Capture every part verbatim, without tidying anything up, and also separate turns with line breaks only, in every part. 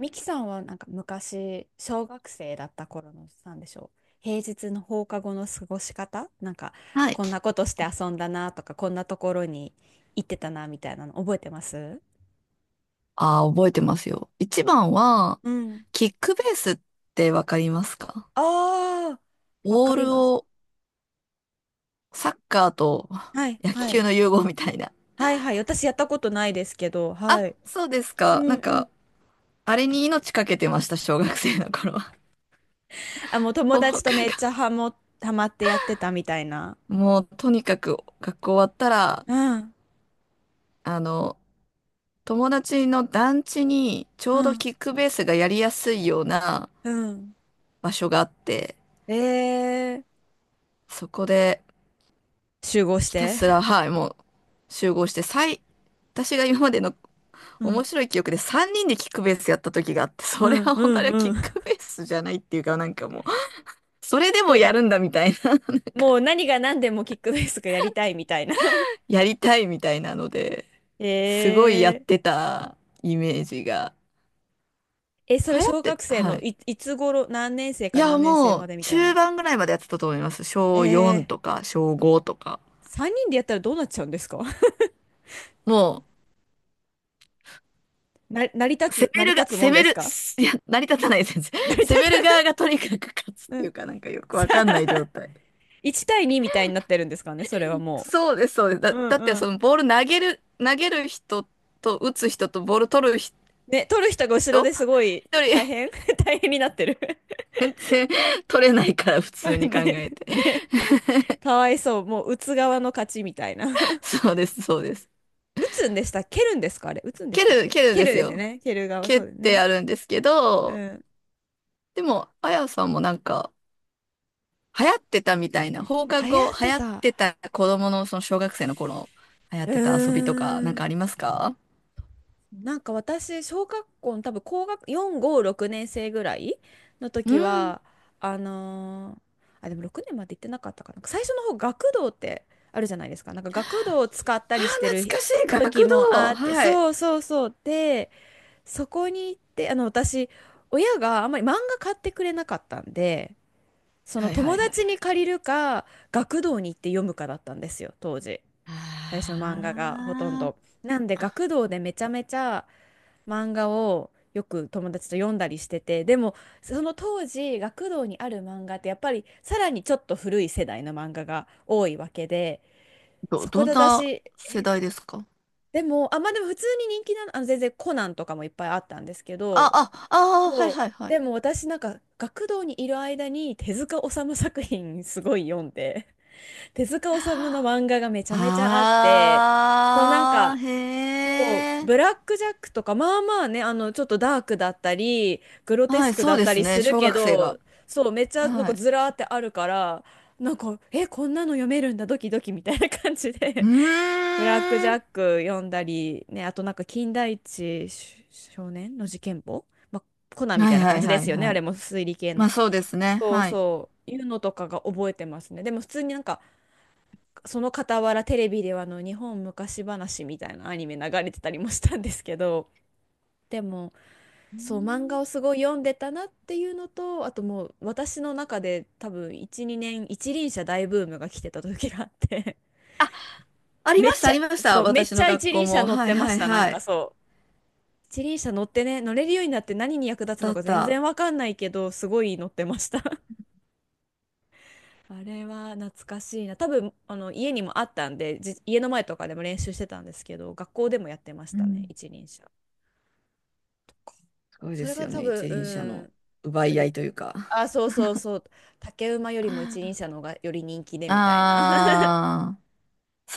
ミキさんはなんか昔、小学生だった頃の、なんでしょう。平日の放課後の過ごし方なんか、
はい。
こんなことして遊んだなとか、こんなところに行ってたなみたいなの覚えてます？
ああ、覚えてますよ。一番は
うん。
キックベースってわかりますか？
ああ、わか
ボー
り
ル
ます。
を、サッカーと
はい、
野
は
球
い。
の融合みたいな。
はい、はい。私やったことないですけど、
あ、
はい。
そうです
う
か。な
ん
ん
う
か、
ん。
あれに命かけてました、小学生の頃は。
あ、もう友
放
達と
課
めっち
が。
ゃハモ、ハマってやってたみたいな。
もう、とにかく、学校終わったら、
うん、
あの、友達の団地に、ちょ
う
うど
ん、
キックベースがやりやすいような
うん。
場所があって、
えー、
そこで、
集合し
ひた
て。
すら、はい、もう集合して、最、私が今までの
うん、
面白い記憶でさんにんでキックベースやった時があって、
う
それ
ん、
は
う
本当にあ
ん、
れはキ
う
ッ
ん。
クベースじゃないっていうか、なんかもう、それでも
ど、
やるんだみたいな、
もう何が何でもキックベースがやりたいみたいな。
やりたいみたいなので、すごい
へ
やっ
え。
てたイメージが。
え、そ
流
れ
行っ
小
て、
学生
は
の
い。
い、いつ頃、何年生
い
か
や、
何年生
も
ま
う
でみたい
中
な。
盤ぐらいまでやってたと思います。
え
小よんと
え。
か小ごとか。
さんにんでやったらどうなっちゃうんですか？
もう
な、成り立
攻
つ、成
め
り
るが、
立つも
攻
んで
め
す
る、
か？
いや、成り立たない先生。
成り
攻め
立た
る
な
側
い。
がとにかく勝つっ
う
てい
ん。
うか、なんかよ く
さ
わかんない状
あ、
態。
いち対にみたいになってるんですかね、それはも
そうです、そうです。
う。
だ、
うん
だって
うん。
そのボール投げる、投げる人と打つ人とボール取る人、
ね、取る人が後ろですごい
一人
大変、 大変になってる。
全然取れないから普通 に考
ね、
えて。
ね、かわいそう。もう打つ側の勝ちみたいな。
そうです、そうです。
打つんでした蹴るんですか、あれ、打つんでし
蹴
たっ
る、
け、
蹴る
蹴
で
る
す
ですよ
よ。
ね。蹴る側、
蹴
そ
っ
うです
て
ね。
やるんですけ
う
ど、
ん。
でも、あやさんもなんか、流行ってたみたいな、放課
流行
後
っ
流
て
行っ
た。
てた子供のその小学生の頃流行っ
う
てた遊びとか
ー
なん
ん。
かありますか？
なんか私、小学校の多分高学、よん、ご、ろくねん生ぐらいの
う
時
ん。
は、あのーあ、でもろくねんまで行ってなかったかな。最初の方、学童ってあるじゃないですか。なんか学童を使った
ああ、
りしてる
懐かしい。
時
学
もあ
童。
って、
はい。
そうそうそう。で、そこに行って、あの、私、親があんまり漫画買ってくれなかったんで、その
はいは
友
いはいは
達に
い。
借りるか学童に行って読むかだったんですよ、当時。
あ
最初漫画がほとんど
あ、
なんで、学童でめちゃめちゃ漫画をよく友達と読んだりしてて。でもその当時学童にある漫画ってやっぱりさらにちょっと古い世代の漫画が多いわけで、
ど、
そこ
ど
で
んな
私、
世代ですか？
でもあ、まあでも普通に人気なの、あの、全然コナンとかもいっぱいあったんですけ
あ、
ど、
あ、ああ、は
そ
いは
う
いはい。
でも私なんか学童にいる間に手塚治虫作品すごい読んで、手塚治虫の漫画がめちゃめちゃあって、そうなん
ああ、
か、
へ
そう、
え。
ブラック・ジャックとか、まあまあね、あの、ちょっとダークだったり、グロテ
は
ス
い、
ク
そ
だ
う
っ
で
た
す
り
ね。
する
小
け
学生
ど、
が。
そう、めっちゃなん
は
か
い。
ずらーってあるから、なんか、え、こんなの読めるんだ、ドキドキみたいな感じ
う
で、 ブラック・ジ
ー
ャ
ん。
ック読んだり、ね、あとなんか、金田一少年の事件簿、まあ、コナンみ
は
た
い
いな
は
感
い
じで
はい
すよね、
は
あ
い。
れも推理系
ま
の。
あそうですね。
そう
はい。
そう、いうのとかが覚えてますね。でも普通になんか、その傍らテレビではあの日本昔話みたいなアニメ流れてたりもしたんですけど、でもそう漫画をすごい読んでたなっていうのと、あと、もう私の中で多分じゅうにねん一輪車大ブームが来てた時があって、
あ り
め
ま
っ
した、
ち
あ
ゃ、
りまし
そ
た。
う、めっ
私
ち
の
ゃ
学
一
校
輪車
も。
乗っ
は
て
い
ま
は
し
い
た。なん
は
か、
い。
そう一輪車乗ってね、乗れるようになって何に役立つ
だ
の
っ
か全
た。
然わかんないけどすごい乗ってました。あれは懐かしいな。多分、あの、家にもあったんで、じ家の前とかでも練習してたんですけど、学校でもやってまし
う
たね、
ん。
一輪車。
すごいで
それ
す
が
よ
多
ね。
分、
一輪車
う
の
ん、
奪い合
割
いというか。
あ、そうそうそう、竹馬よりも一輪車の方がより人気でみたいな。
ああ、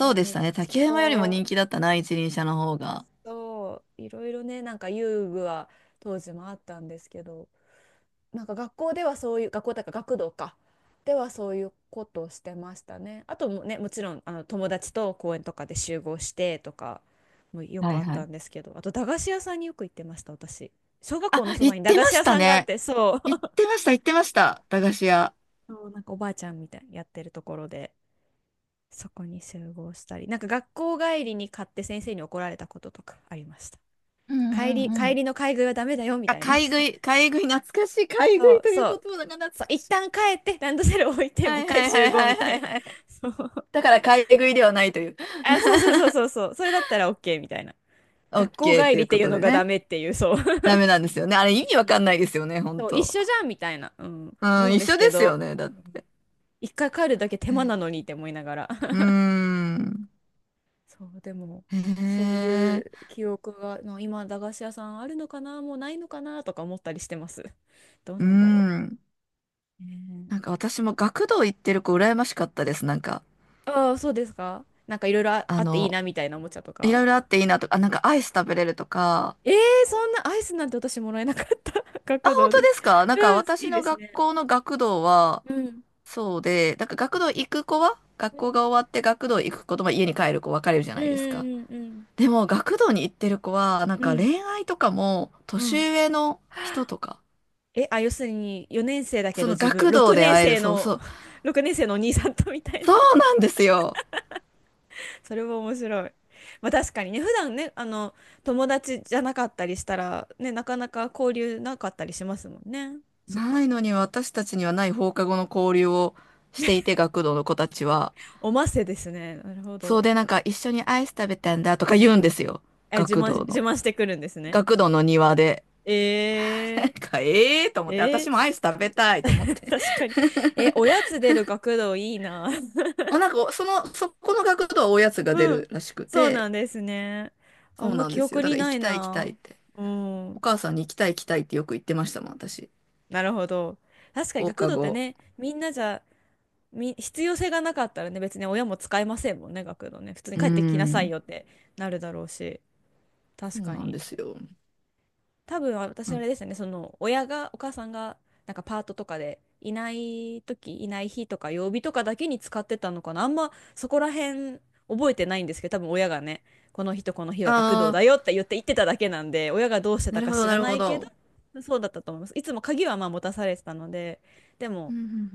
い
う
ろい
でした
ろ、
ね。竹山よりも
そ
人
う、
気だったな、一輪車の方が。
そう、いろいろね、なんか遊具は当時もあったんですけど、なんか学校ではそういう、学校だから学童かではそういうことをしてましたね。あと、もね、もちろんあの友達と公園とかで集合してとかもよ
は
く
い
あっ
は
た
い。
んですけど、あと駄菓子屋さんによく行ってました、私。小学
あ、
校のそ
行
ば
っ
に駄
て
菓
ま
子
し
屋
た
さんがあっ
ね。
て、そう、
行っ てました、行ってました。駄菓子屋。
そうなんかおばあちゃんみたいにやってるところで、そこに集合したり、なんか学校帰りに買って先生に怒られたこととかありました。
うんう
帰り、
んう
帰
ん。
りの買い食いはダメだよみ
あ、
たいな。
買い食い、買い食い、懐かしい。買い食
そ
い
う、
という
そ
言
う。
葉が懐
そう、
か
一
しい。
旦帰って、ランドセル置いて、も
は
う一
いは
回
いは
集
い
合
は
み
い
た
は
い
い
な。
はい。
そう。
だから買い食いではないという。
あ、そうそ うそうそうそう。それだったら OK みたいな。学校
OK
帰
とい
り
う
って
こ
いう
と
の
で
がダ
ね。
メっていう、そう。
ダメなんですよね。あれ意味わ
うん、
かんないですよね、本
そう、一
当。
緒じゃんみたいな、うん、
う
思
ん、
うん
一
です
緒
け
ですよ
ど、
ね、だって。
一回帰るだけ手間なのにって思いながら。
うー ん。
そう、でも、
へ
そういう
え。
記憶が、の今、駄菓子屋さんあるのかな、もうないのかなとか思ったりしてます。どう
う
なんだろ
ん。
う。ね
なんか
え。
私も学童行ってる子羨ましかったです。なんか、
ああ、そうですか。なんかいろいろあ
あ
あっていい
の、
なみたいな、おもちゃと
い
か。
ろいろあっていいなとか、あ、なんかアイス食べれるとか。
えー、そんなアイスなんて私もらえなかった。
あ、
学
本
童
当
で
で
す。
すか？なんか
うん、い
私
いで
の
す
学
ね。
校の学童は、
うん。
そうで、なんか学童行く子は、学
う
校
ん。
が終わって学童行く子とまあ家に帰る子分かれるじゃ
う
ないですか。
んうんうん
でも学童に行ってる子は、なん
う
か
ん。
恋愛とかも
うん。う
年
ん。
上の人とか、
え、あ、要するによねん生だけ
そ
ど
の
自分、
学童
6
で
年
会える、
生
そう
の、
そう、
ろくねん生のお兄さんとみたいな。
そうなんですよ。
それも面白い。まあ確かにね、普段ね、あの、友達じゃなかったりしたら、ね、なかなか交流なかったりしますもんね。そっ
な
か。
いのに私たちにはない放課後の交流をしていて、学童の子たちは。
おませですね。なるほ
そ
ど。
うで、なんか一緒にアイス食べたんだとか言うんですよ。
え、自
学
慢、
童
自
の。
慢してくるんですね。
学童の庭で。なん
えー、
か、ええー、と思って、
え
私もアイス食べた
ー、
いと思っ て。
確かに。え、おやつ出る学童いいな。
あ、なんか、その、そこの学童はおやつが出
うん。
るらしく
そう
て、
なんですね。あ
そ
ん
う
ま
なん
記
ですよ。
憶
だか
に
ら行
な
き
い
たい行きたいっ
な。
て。
う
お
ん。
母さんに行きたい行きたいってよく言ってましたもん、私。
なるほど。確かに
放
学
課
童って
後。
ね、みんなじゃ、み、必要性がなかったらね、別に親も使えませんもんね、学童ね。普通に
う
帰ってきなさい
ん。
よってなるだろうし。
そ
確
う
か
なん
に。
ですよ。
多分私あ
あ
れですよね、その親が、お母さんがなんかパートとかでいない時、いない日とか曜日とかだけに使ってたのかな。あんまそこら辺覚えてないんですけど、多分親がね、この日とこの日は学童
あ
だよって言って言ってただけなんで、親がどうして
ー、な
た
る
か
ほど、
知
な
ら
る
な
ほ
いけど、
ど。
そうだったと思います。いつも鍵はまあ持たされてたので、で
う
も
んうんうん、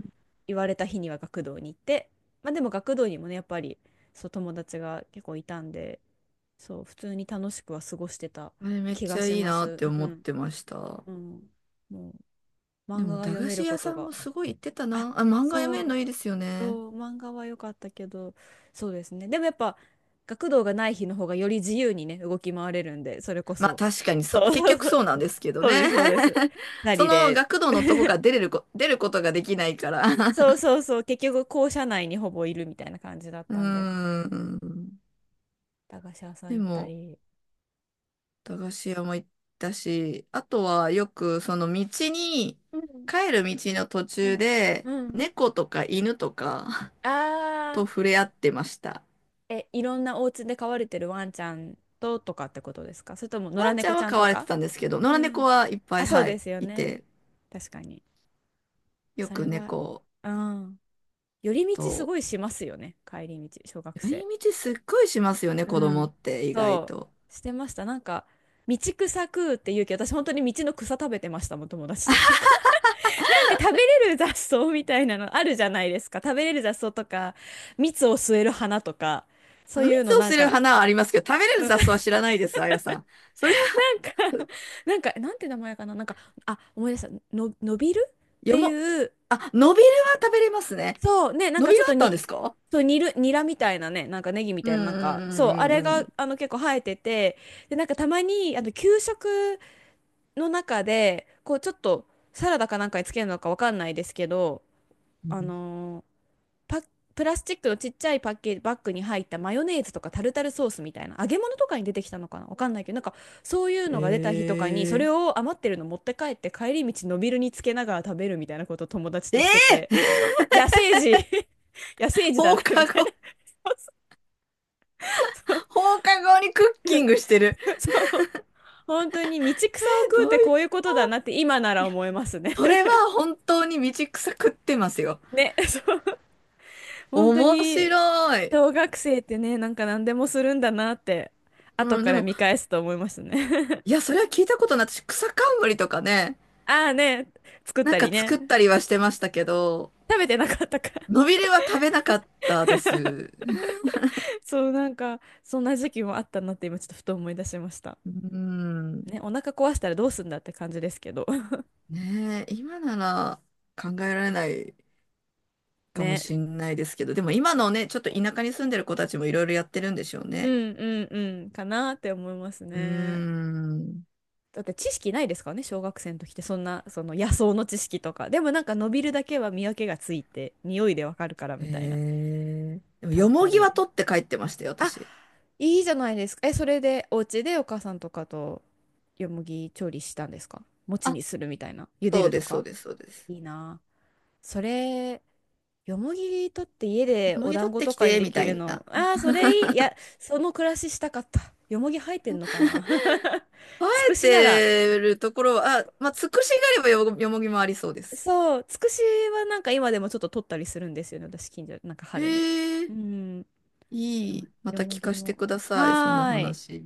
言われた日には学童に行って、まあでも学童にもね、やっぱりそう友達が結構いたんで、そう普通に楽しくは過ごしてた
あれめっ
気
ち
が
ゃ
し
いい
ま
なって
す。う
思っ
ん。
てました。
うん、もう
で
漫画
も、
が
駄
読
菓
め
子
るこ
屋
と
さん
が、
もすごい行ってた
あ、
な。あ、漫画読
そ
めるの
う、
いいですよね。
そう、漫画は良かったけど、そうですね。でもやっぱ学童がない日の方がより自由にね、動き回れるんで、それこ
まあ
そ。
確かにそう、
そう
結
そう
局
そ
そう
う、
なんですけど
そう
ね。
です、そうです。な
そ
り
の
で。
学童のとこから出 れるこ、出ることができないから。
そうそ うそう、結局校舎内にほぼいるみたいな感じだっ
うー
たんで、
ん。
駄菓子屋さん
で
行った
も、
り。
駄菓子屋も行ったし、あとはよくその道に、
うん
帰る道の途
う
中
ん
で、
うん。
猫とか犬とか
あ
と触れ合ってました。
ー、え、いろんなお家で飼われてるワンちゃんととかってことですか、それとも野
ワ
良
ンちゃ
猫
ん
ち
は
ゃん
飼
と
われて
か？
たんですけど、野
う
良猫
ん。
はいっぱい、
あ、そう
は
で
い、
すよ
い
ね。
て、
確かに。
よ
そ
く
れは、
猫
うん。寄り道す
と、
ごいしますよね。帰り道、小学
寄り
生。
道すっごいしますよね、
う
子供
ん。
って意外
そ
と。
う、してました。なんか、道草食うって言うけど、私本当に道の草食べてましたもん、友達と。なんか、なんか食べれる雑草みたいなのあるじゃないですか。食べれる雑草とか、蜜を吸える花とか、そう
蜜
いうの
を
なん
する
か、
花はありますけど、食べれる
うん、な
雑草は知らないです、あやさん。それは、
んか、なんか、なんて名前かな。なんか、あ、思い出した。の、のびるっ
よ
て
も、
いう。
あ、ノビルは食べれますね。
そうね、なん
ノ
か
ビ
ちょ
ル
っと
あったんで
に、
すか？
そう、煮る、ニラみたいなね、なんかネギみ
う
たい
ん
な、
う
なんか、そう、あ
んう
れ
んう
が、
ん
あの、結構生えてて、で、なんかたまに、あの、給食の中で、こう、ちょっと、サラダかなんかにつけるのかわかんないですけど、
う
あ
ん。
のーパ、プラスチックのちっちゃいパッケージ、バッグに入ったマヨネーズとかタルタルソースみたいな、揚げ物とかに出てきたのかなわかんないけど、なんか、そういう
え
のが出た日とかに、それ
え
を余ってるの持って帰って、帰り道、のびるにつけながら食べるみたいなことを友達と
え
してて。
え、
野生児、 野生児だ
放
なみ
課
たいな。
後、
そう、
放課後にクッ キングしてる。
そう、本当に道草を食う
どう
っ
いう、
てこういうことだなって今なら思いますね。
それは本当に道草食ってますよ。
ね、そう、本当
面白
に
い。
小学生ってね、なんか何でもするんだなって後
うん、
か
で
ら
も、
見返すと思いますね。
いや、それは聞いたことない。私、草冠とかね、
ああね、作っ
なん
た
か
り
作っ
ね、
たりはしてましたけど、
食べてなかったか。
のびれは食べなかったです。
そう、なんかそんな時期もあったなって今ちょっとふと思い出しました。
うん、
ね、お腹壊したらどうすんだって感じですけど。
ねえ、今なら考えられない かも
ね、
しんないですけど、でも今のね、ちょっと田舎に住んでる子たちもいろいろやってるんでしょう
う
ね。
んうんうん、かなって思います
うー
ね。
ん。
だって知識ないですからね、小学生の時って、そんなその野草の知識とか。でもなんか伸びるだけは見分けがついて匂いでわかるからみたいな。
へえ。でも、
食
よ
べ
も
た
ぎは
り、
取って帰ってましたよ、
あ、
私。
いいじゃないですか、え、それでお家でお母さんとかとよもぎ調理したんですか？餅
あ、
にするみたいな、茹で
そう
ると
です、そう
か。
です、そうです。
いいなあ、それ、よもぎ取って家
よ
で
も
お
ぎ取
団
っ
子
て
と
き
かに
て、
で
みた
きる
いな。
の、ああそれいい、いや、その暮らししたかった。よもぎ生えてんのかな。
生
つく
え
しなら、
てるところは、あ、まあ、つくしがあればよ、よもぎもありそうです。
そう、つくしはなんか今でもちょっと取ったりするんですよね、私、近所、なんか春に。
へ
う
え、
ん、で
い
も
い。ま
よ
た
も
聞か
ぎ
せて
も。
ください、その
はーい。
話。